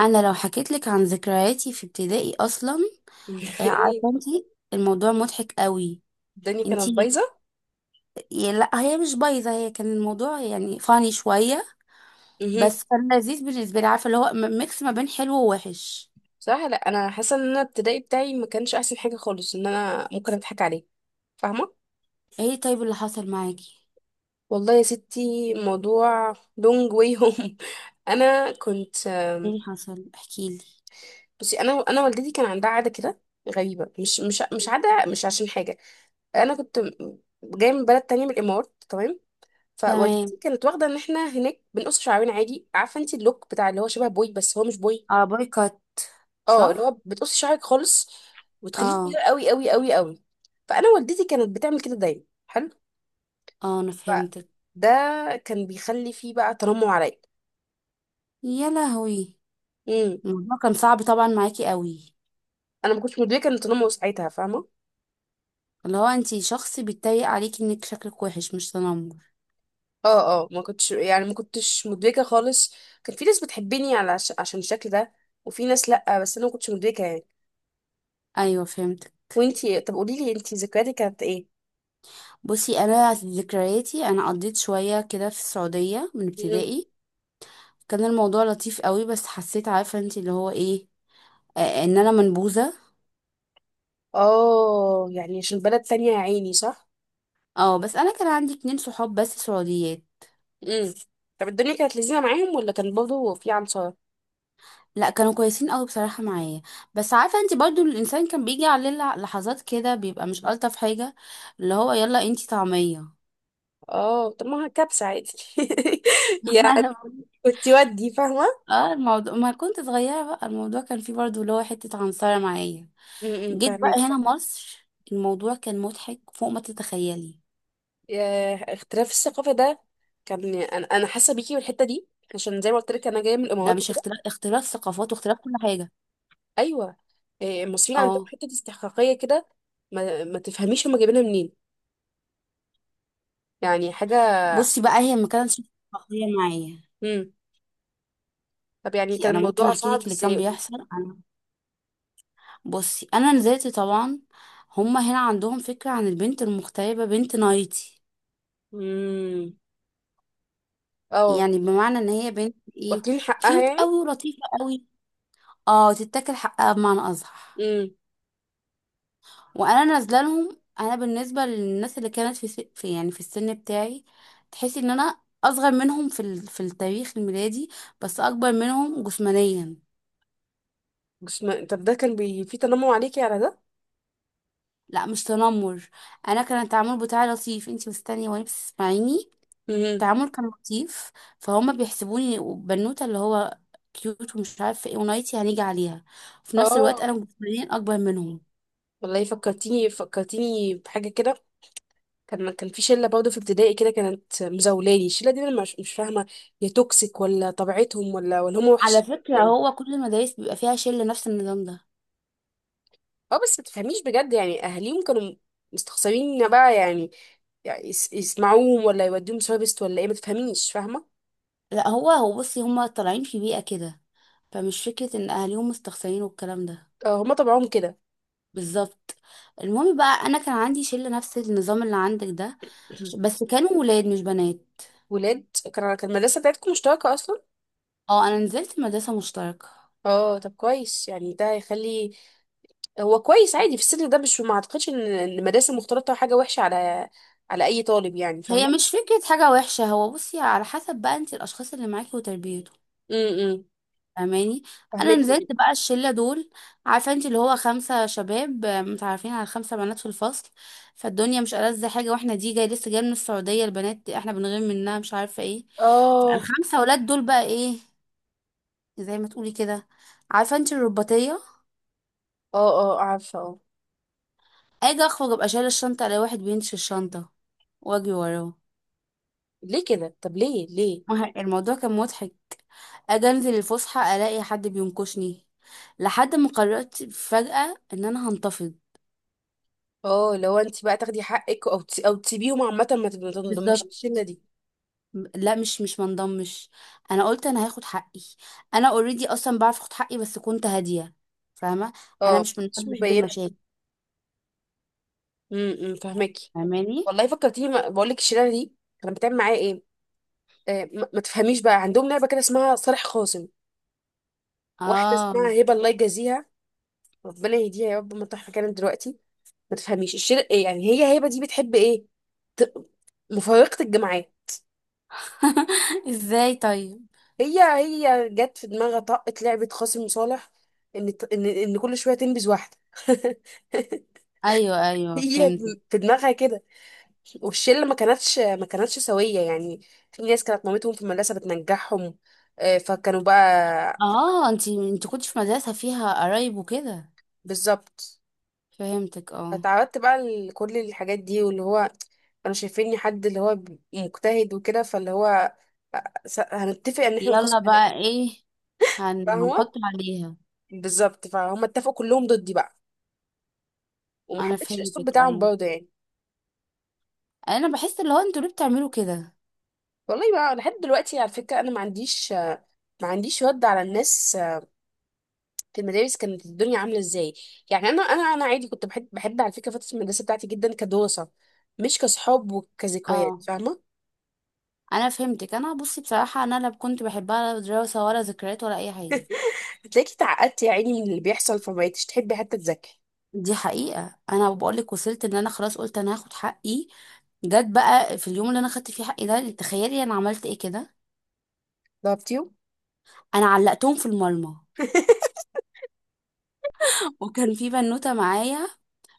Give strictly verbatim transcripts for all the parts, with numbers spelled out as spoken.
انا لو حكيت لك عن ذكرياتي في ابتدائي اصلا. آه، ايه. عارفه انت، الموضوع مضحك قوي. الدنيا انت... كانت بايظه. لا هي مش بايظه، هي كان الموضوع يعني فاني شويه، مهم. بس كان لذيذ بالنسبه لي، عارفه اللي هو م- ميكس ما بين حلو ووحش. بصراحه لا، انا حاسه ان انا الابتدائي بتاعي ما كانش احسن حاجه خالص، ان انا ممكن اضحك عليه. فاهمه؟ ايه، طيب اللي حصل معاكي؟ والله يا ستي، موضوع لونج واي هوم. انا كنت. ايه اللي حصل؟ احكي لي. بصي، انا انا والدتي كان عندها عاده كده غريبه، مش مش مش عاده، مش عشان حاجه. انا كنت جايه من بلد تانية، من الامارات، تمام. تمام. فوالدتي كانت واخده ان احنا هناك بنقص شعرنا عادي. عارفه انت اللوك بتاع اللي هو شبه بوي، بس هو مش بوي. اه، بايكوت، اه، اللي هو صح. بتقصي شعرك خالص، وتخليه اه. صغير قوي قوي قوي قوي. فانا والدتي كانت بتعمل كده دايما. حلو. اه، انا فده فهمتك. كان بيخلي فيه بقى تنمر عليا. يا لهوي، امم الموضوع كان صعب طبعا معاكي قوي. انا ما كنتش مدركه ان التنمر ساعتها. فاهمه؟ اللي هو انت شخص بيتريق عليكي انك شكلك وحش، مش تنمر. اه، اه، ما كنتش، يعني ما كنتش مدركه خالص. كان في ناس بتحبني على ش... عشان الشكل ده. وفي ناس لا، بس انا ما كنتش مدركه يعني. ايوه، فهمت. وانتي، طب قولي لي انتي، ذكرياتك كانت ايه؟ بصي، انا ذكرياتي انا قضيت شويه كده في السعوديه من امم ابتدائي. كان الموضوع لطيف قوي، بس حسيت عارفه انت اللي هو ايه، آه ان انا منبوذه. اه، يعني عشان بلد تانية يا عيني، صح. اه، بس انا كان عندي اتنين صحاب بس سعوديات. امم طب الدنيا كانت لذيذه معاهم، ولا كان برضه في عنصر؟ لا، كانوا كويسين قوي بصراحه معايا. بس عارفه انت برضو الانسان كان بيجي عليه لح- لحظات كده بيبقى مش الطف حاجه، اللي هو يلا انت طعميه. اه، طب ما كبسة عادي. يعني انا بقول- كنت ودي فاهمة. اه، الموضوع ما كنت صغيرة، بقى الموضوع كان فيه برضو اللي هو حتة عنصرة معايا. م- م، جيت بقى فاهمك. هنا مصر، الموضوع كان مضحك فوق ما تتخيلي. يا اختلاف الثقافة ده. كان انا انا حاسة بيكي بالحتة دي، عشان زي ما قلت لك انا جاية من ده الامارات مش وكده. اختلاف اختلاف ثقافات واختلاف كل حاجة. ايوه. إيه، المصريين عندهم اه. حتة استحقاقية كده. ما, ما تفهميش هما جايبينها منين، يعني حاجة. بصي بقى هي ما كانتش شخصية معايا. امم طب يعني بصي، كان انا ممكن الموضوع احكي صعب لك اللي ازاي، كان قولي؟ بيحصل. انا بصي انا نزلت طبعا، هما هنا عندهم فكرة عن البنت المغتربة بنت نايتي. امم اه، يعني بمعنى ان هي بنت ايه؟ واكلين حقها كيوت يعني. قوي ولطيفة قوي. اه، تتاكل حقها بمعنى اصح. امم وانا نازله لهم، انا بالنسبه للناس اللي كانت في, س... في يعني في السن بتاعي، تحسي ان انا اصغر منهم في ال... في التاريخ الميلادي، بس اكبر منهم جسمانيا. طب ده كان بي... في تنمر عليكي على ده؟ لا مش تنمر، انا كان التعامل بتاعي لطيف. انتي مستنيه وانا بتسمعيني. امم التعامل كان لطيف. فهم بيحسبوني بنوته اللي هو كيوت ومش عارفه ايه ونايتي هنيجي عليها، في نفس الوقت اه، انا جسمانيا اكبر منهم. والله فكرتيني فكرتيني بحاجه كده. كان كان في شله برضه في ابتدائي كده، كانت مزولاني الشله دي. انا مش مش فاهمه، هي توكسيك ولا طبيعتهم ولا ولا هم على وحشين فكره ولا ايه؟ هو كل المدارس بيبقى فيها شله نفس النظام ده. اه، بس ما تفهميش بجد، يعني اهاليهم كانوا مستخسرين بقى، يعني, يعني يس- يسمعوهم ولا يوديهم سوابست ولا ايه، ما تفهميش. فاهمه؟ لا هو هو بصي هم طالعين في بيئه كده، فمش فكره ان اهاليهم مستخسرين والكلام ده. اه، هم طبعهم كده. بالظبط. المهم بقى انا كان عندي شله نفس النظام اللي عندك ده، بس كانوا ولاد مش بنات. ولاد. كان كان المدرسه بتاعتكم مشتركه اصلا؟ اه، انا نزلت مدرسة مشتركة. اه، طب كويس يعني، ده هيخلي. هو كويس عادي في السن ده، مش ما اعتقدش ان إن المدارس المختلطه حاجه وحشه على على اي طالب يعني. فاهم؟ هي مش فكرة حاجة وحشة، هو بصي على حسب بقى انت الأشخاص اللي معاكي وتربيته. امم فاهماني. أنا فهمتي نزلت جدا. بقى الشلة دول، عارفة انت اللي هو خمسة شباب آه، متعرفين على خمسة بنات في الفصل. فالدنيا مش ألذ حاجة، واحنا دي جاي لسه جاية من السعودية، البنات احنا بنغير منها مش عارفة ايه. اه، الخمسة ولاد دول بقى ايه؟ زي ما تقولي كده، عارفة انت، الرباطية. اه، اه، عارفه، اه. اجي اخرج ابقى شايلة الشنطة، الاقي واحد بينش الشنطة واجري وراه. ليه كده؟ طب ليه ليه؟ مه- الموضوع كان مضحك. اجي انزل الفسحه الاقي حد بينكشني، لحد ما قررت فجاه ان انا هنتفض. اه، لو انت بقى تاخدي حقك، او تس- او تسيبيهم عامه، ما تب- ما تنضميش بالظبط. الشله دي. لا مش مش منضمش، انا قلت انا هاخد حقي. انا اوريدي اصلا بعرف اخد حقي، بس كنت هاديه. فاهمه، انا اه، مش من النوع مش اللي بحب مبينه. المشاكل. امم فهماكي. فاهماني. والله فكرتيني. ما- بقول لك الشله دي كانت بتعمل معايا ايه. آه ما ما تفهميش بقى، عندهم لعبه كده اسمها صالح خاصم. واحده اه. اسمها هبه، الله يجازيها، ربنا يهديها. يا رب ما تروح مكانها دلوقتي. ما تفهميش الشر يعني. هي هبه دي بتحب ايه؟ ت... مفارقه الجماعات. ازاي طيب؟ هي هي جت في دماغها طاقه لعبه قاسم صالح، ان ان ان كل شويه تنبذ واحده. ايوه، ايوه، هي فهمتك. في دماغها كده. والشله ما كانتش ما كانتش سويه يعني. في ناس كانت مامتهم في المدرسه بتنجحهم. آه، فكانوا بقى. اه، انتي انت كنت في مدرسه فيها قرايب وكده. بالظبط. فهمتك، اه. فتعودت بقى لكل الحاجات دي، واللي هو كانوا شايفيني حد اللي هو مجتهد وكده، فاللي هو س- هنتفق ان احنا يلا نقسم. بقى ايه، هن... فاهمة؟ هنحط عليها. بالظبط فهم اتفقوا كلهم ضدي بقى. وما انا حبيتش الاسلوب فهمتك، بتاعهم ايوه. برضه يعني. انا بحس اللي هو انتوا ليه بتعملوا كده؟ والله بقى لحد دلوقتي على فكرة، انا ما عنديش ما عنديش رد على الناس في المدارس، كانت الدنيا عاملة ازاي يعني؟ انا انا انا عادي، كنت بحب بحب على فكرة فترة المدرسة بتاعتي جدا كدراسة، مش كصحاب وكذكريات. اه. فاهمة؟ انا فهمتك، انا بصي بصراحه انا لا كنت بحبها، لا دراسه ولا ذكريات ولا اي حاجه. هتلاقيكي اتعقدتي يا عيني من اللي بيحصل، فمبقتيش تحبي حتى تذاكري. دي حقيقه، انا بقول لك وصلت ان انا خلاص قلت انا هاخد حقي. جت بقى في اليوم اللي انا خدت فيه حقي ده، تخيلي انا عملت ايه كده؟ ضربتيهم؟ انا علقتهم في المرمى. وكان في بنوته معايا،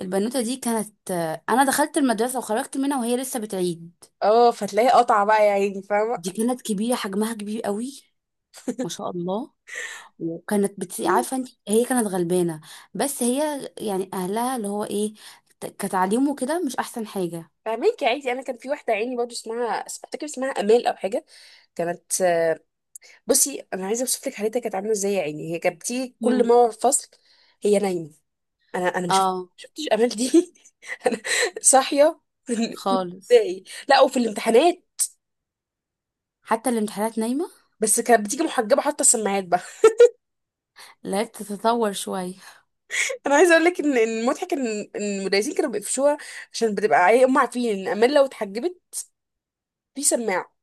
البنوته دي كانت... انا دخلت المدرسه وخرجت منها وهي لسه بتعيد. اه، فتلاقي قطع بقى يا عيني، فاهمة؟ دي كانت كبيره، حجمها كبير قوي، ما شاء الله. وكانت بت... عارفه انت، هي كانت غلبانه، بس هي يعني اهلها اللي هو ايه، ت- كتعليم وكده مش احسن حاجه. فاهمك يا عيني. انا كان في واحدة عيني برضه، اسمها افتكر اسمها امال او حاجة. كانت. بصي انا عايزه اوصف لك حالتها كانت عامله ازاي يا عيني. هي كانت بتيجي كل مم. ما هو فصل هي نايمه. انا انا ما شفت اه شفتش امال دي. انا صاحيه في ال- في خالص، الابتدائي، لا، وفي الامتحانات حتى الامتحانات نايمه. بس كانت بتيجي محجبه حاطه السماعات بقى. لقيت تتطور شويه. انا عايزه اقول لك ان إن المضحك ان إن المدرسين كانوا بيقفشوها، عشان بتبقى عي- هم عارفين ان امال لو اتحجبت في سماعه.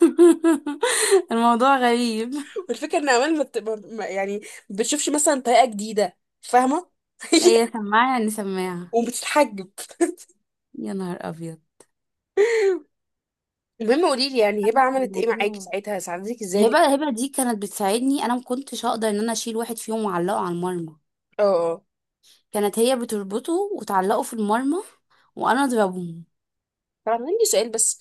الموضوع غريب. والفكره ان امال ما بت- ما- ما- يعني ما بتشوفش مثلا طريقه جديده، فاهمه؟ هي سماعه يعني سماعه. وبتتحجب. يا نهار ابيض. المهم، قولي لي يعني هبه لا عملت ايه معاكي الموضوع... ساعتها، ساعدتك ازاي؟ هبه هبه دي كانت بتساعدني، انا ما كنتش هقدر ان انا اشيل واحد فيهم واعلقه على المرمى. اه، اه، كانت هي بتربطه وتعلقه في المرمى، وانا اضربه. طبعا. عندي سؤال بس،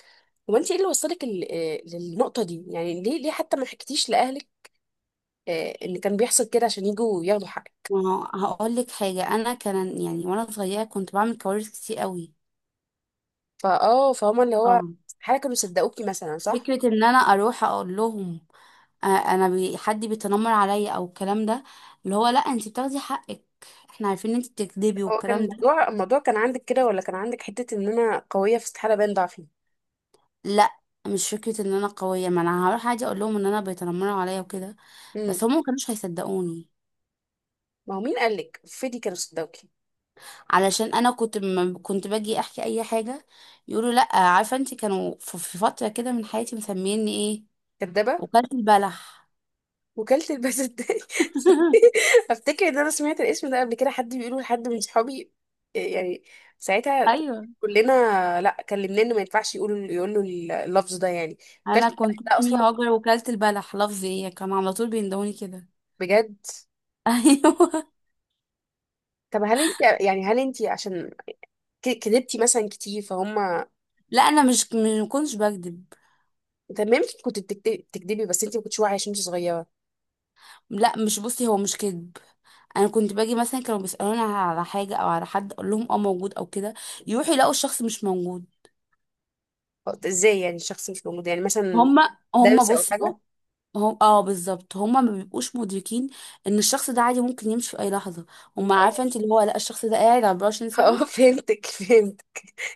هو انت ايه اللي وصلك ال- آه، للنقطة دي؟ يعني ليه، ليه حتى ما حكيتيش لأهلك آه، ان كان بيحصل كده عشان يجوا ياخدوا حقك؟ ما هو هقول لك حاجة، أنا كان يعني وأنا صغيرة كنت بعمل كوارث كتير قوي. فاه فهم اللي هو اه. حاجة، كانوا صدقوكي مثلا، صح؟ فكرة إن أنا أروح أقول لهم آه، أنا بي حد بيتنمر عليا أو الكلام ده، اللي هو لأ أنت بتاخدي حقك، إحنا عارفين إن أنت بتكذبي هو كان والكلام ده. الموضوع الموضوع كان عندك كده، ولا كان عندك حتة ان انا قوية، في استحالة باين ضعفي؟ لأ، مش فكرة إن أنا قوية، ما أنا هروح عادي أقول لهم إن أنا بيتنمروا عليا وكده، بس امم هم مكانوش هيصدقوني. ما هو مين قالك فيدي كانوا صدقوكي؟ علشان أنا كنت م... كنت باجي أحكي أي حاجة يقولوا لأ. عارفة أنت كانوا في في فترة كده من حياتي مسميني إيه؟ كدابة؟ وكالة البلح. وكالة البساتين. افتكر ان انا سمعت الاسم ده قبل كده، حد بيقوله لحد من صحابي يعني ساعتها. ايوه. كلنا لا، كلمناه انه ما ينفعش يقولوا يقولوا اللفظ ده يعني. وكالة انا البنات كنت ده اسمي اصلا؟ هاجر، وكلت البلح لفظي ايه كان على طول بيندوني كده. بجد؟ ايوه. طب هل انت يعني، هل انت عشان ك- كدبتي مثلا كتير، فهم؟ لا، انا مش ما كنتش بكذب. طب ما يمكن كنت بتكت- بتكدبي، بس انت ما كنتش واعيه عشان انت صغيره. لا مش بصي هو مش كذب. انا كنت باجي مثلا كانوا بيسالوني على حاجه او على حد، اقول لهم اه موجود او كده، يروحوا يلاقوا الشخص مش موجود. طب ازاي يعني الشخص مش موجود، يعني مثلا هما هما دارسه او بصي، حاجه؟ هم هم- اه بالظبط، هما ما بيبقوش مدركين ان الشخص ده عادي ممكن يمشي في اي لحظه. هما عارفه اه. انت اللي هو لا الشخص ده قاعد أربعة وعشرين ساعه. آه، فهمتك، فهمت.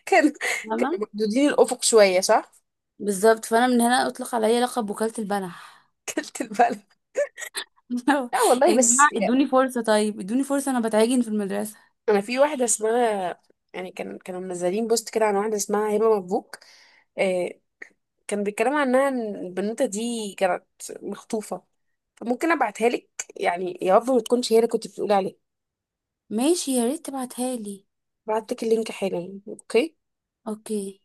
كان كانوا تمام. محدودين الافق شويه، صح؟ بالظبط. فانا من هنا اطلق عليا لقب وكاله البلح. كلت البلد. لا يا والله، جماعة بس يا- ادوني فرصة، طيب ادوني فرصة، انا بتعجن في المدرسة. انا في واحده اسمها، يعني كان كانوا منزلين بوست كده عن واحده اسمها هبه مبروك. آه كان بيتكلموا عنها ان البنوته دي كانت مخطوفه، فممكن ابعتها لك. يعني يا رب ما تكونش هي اللي كنت بتقولي عليها. ماشي، يا ريت تبعتها لي. بعت لك اللينك حالا. اوكي. اوكي.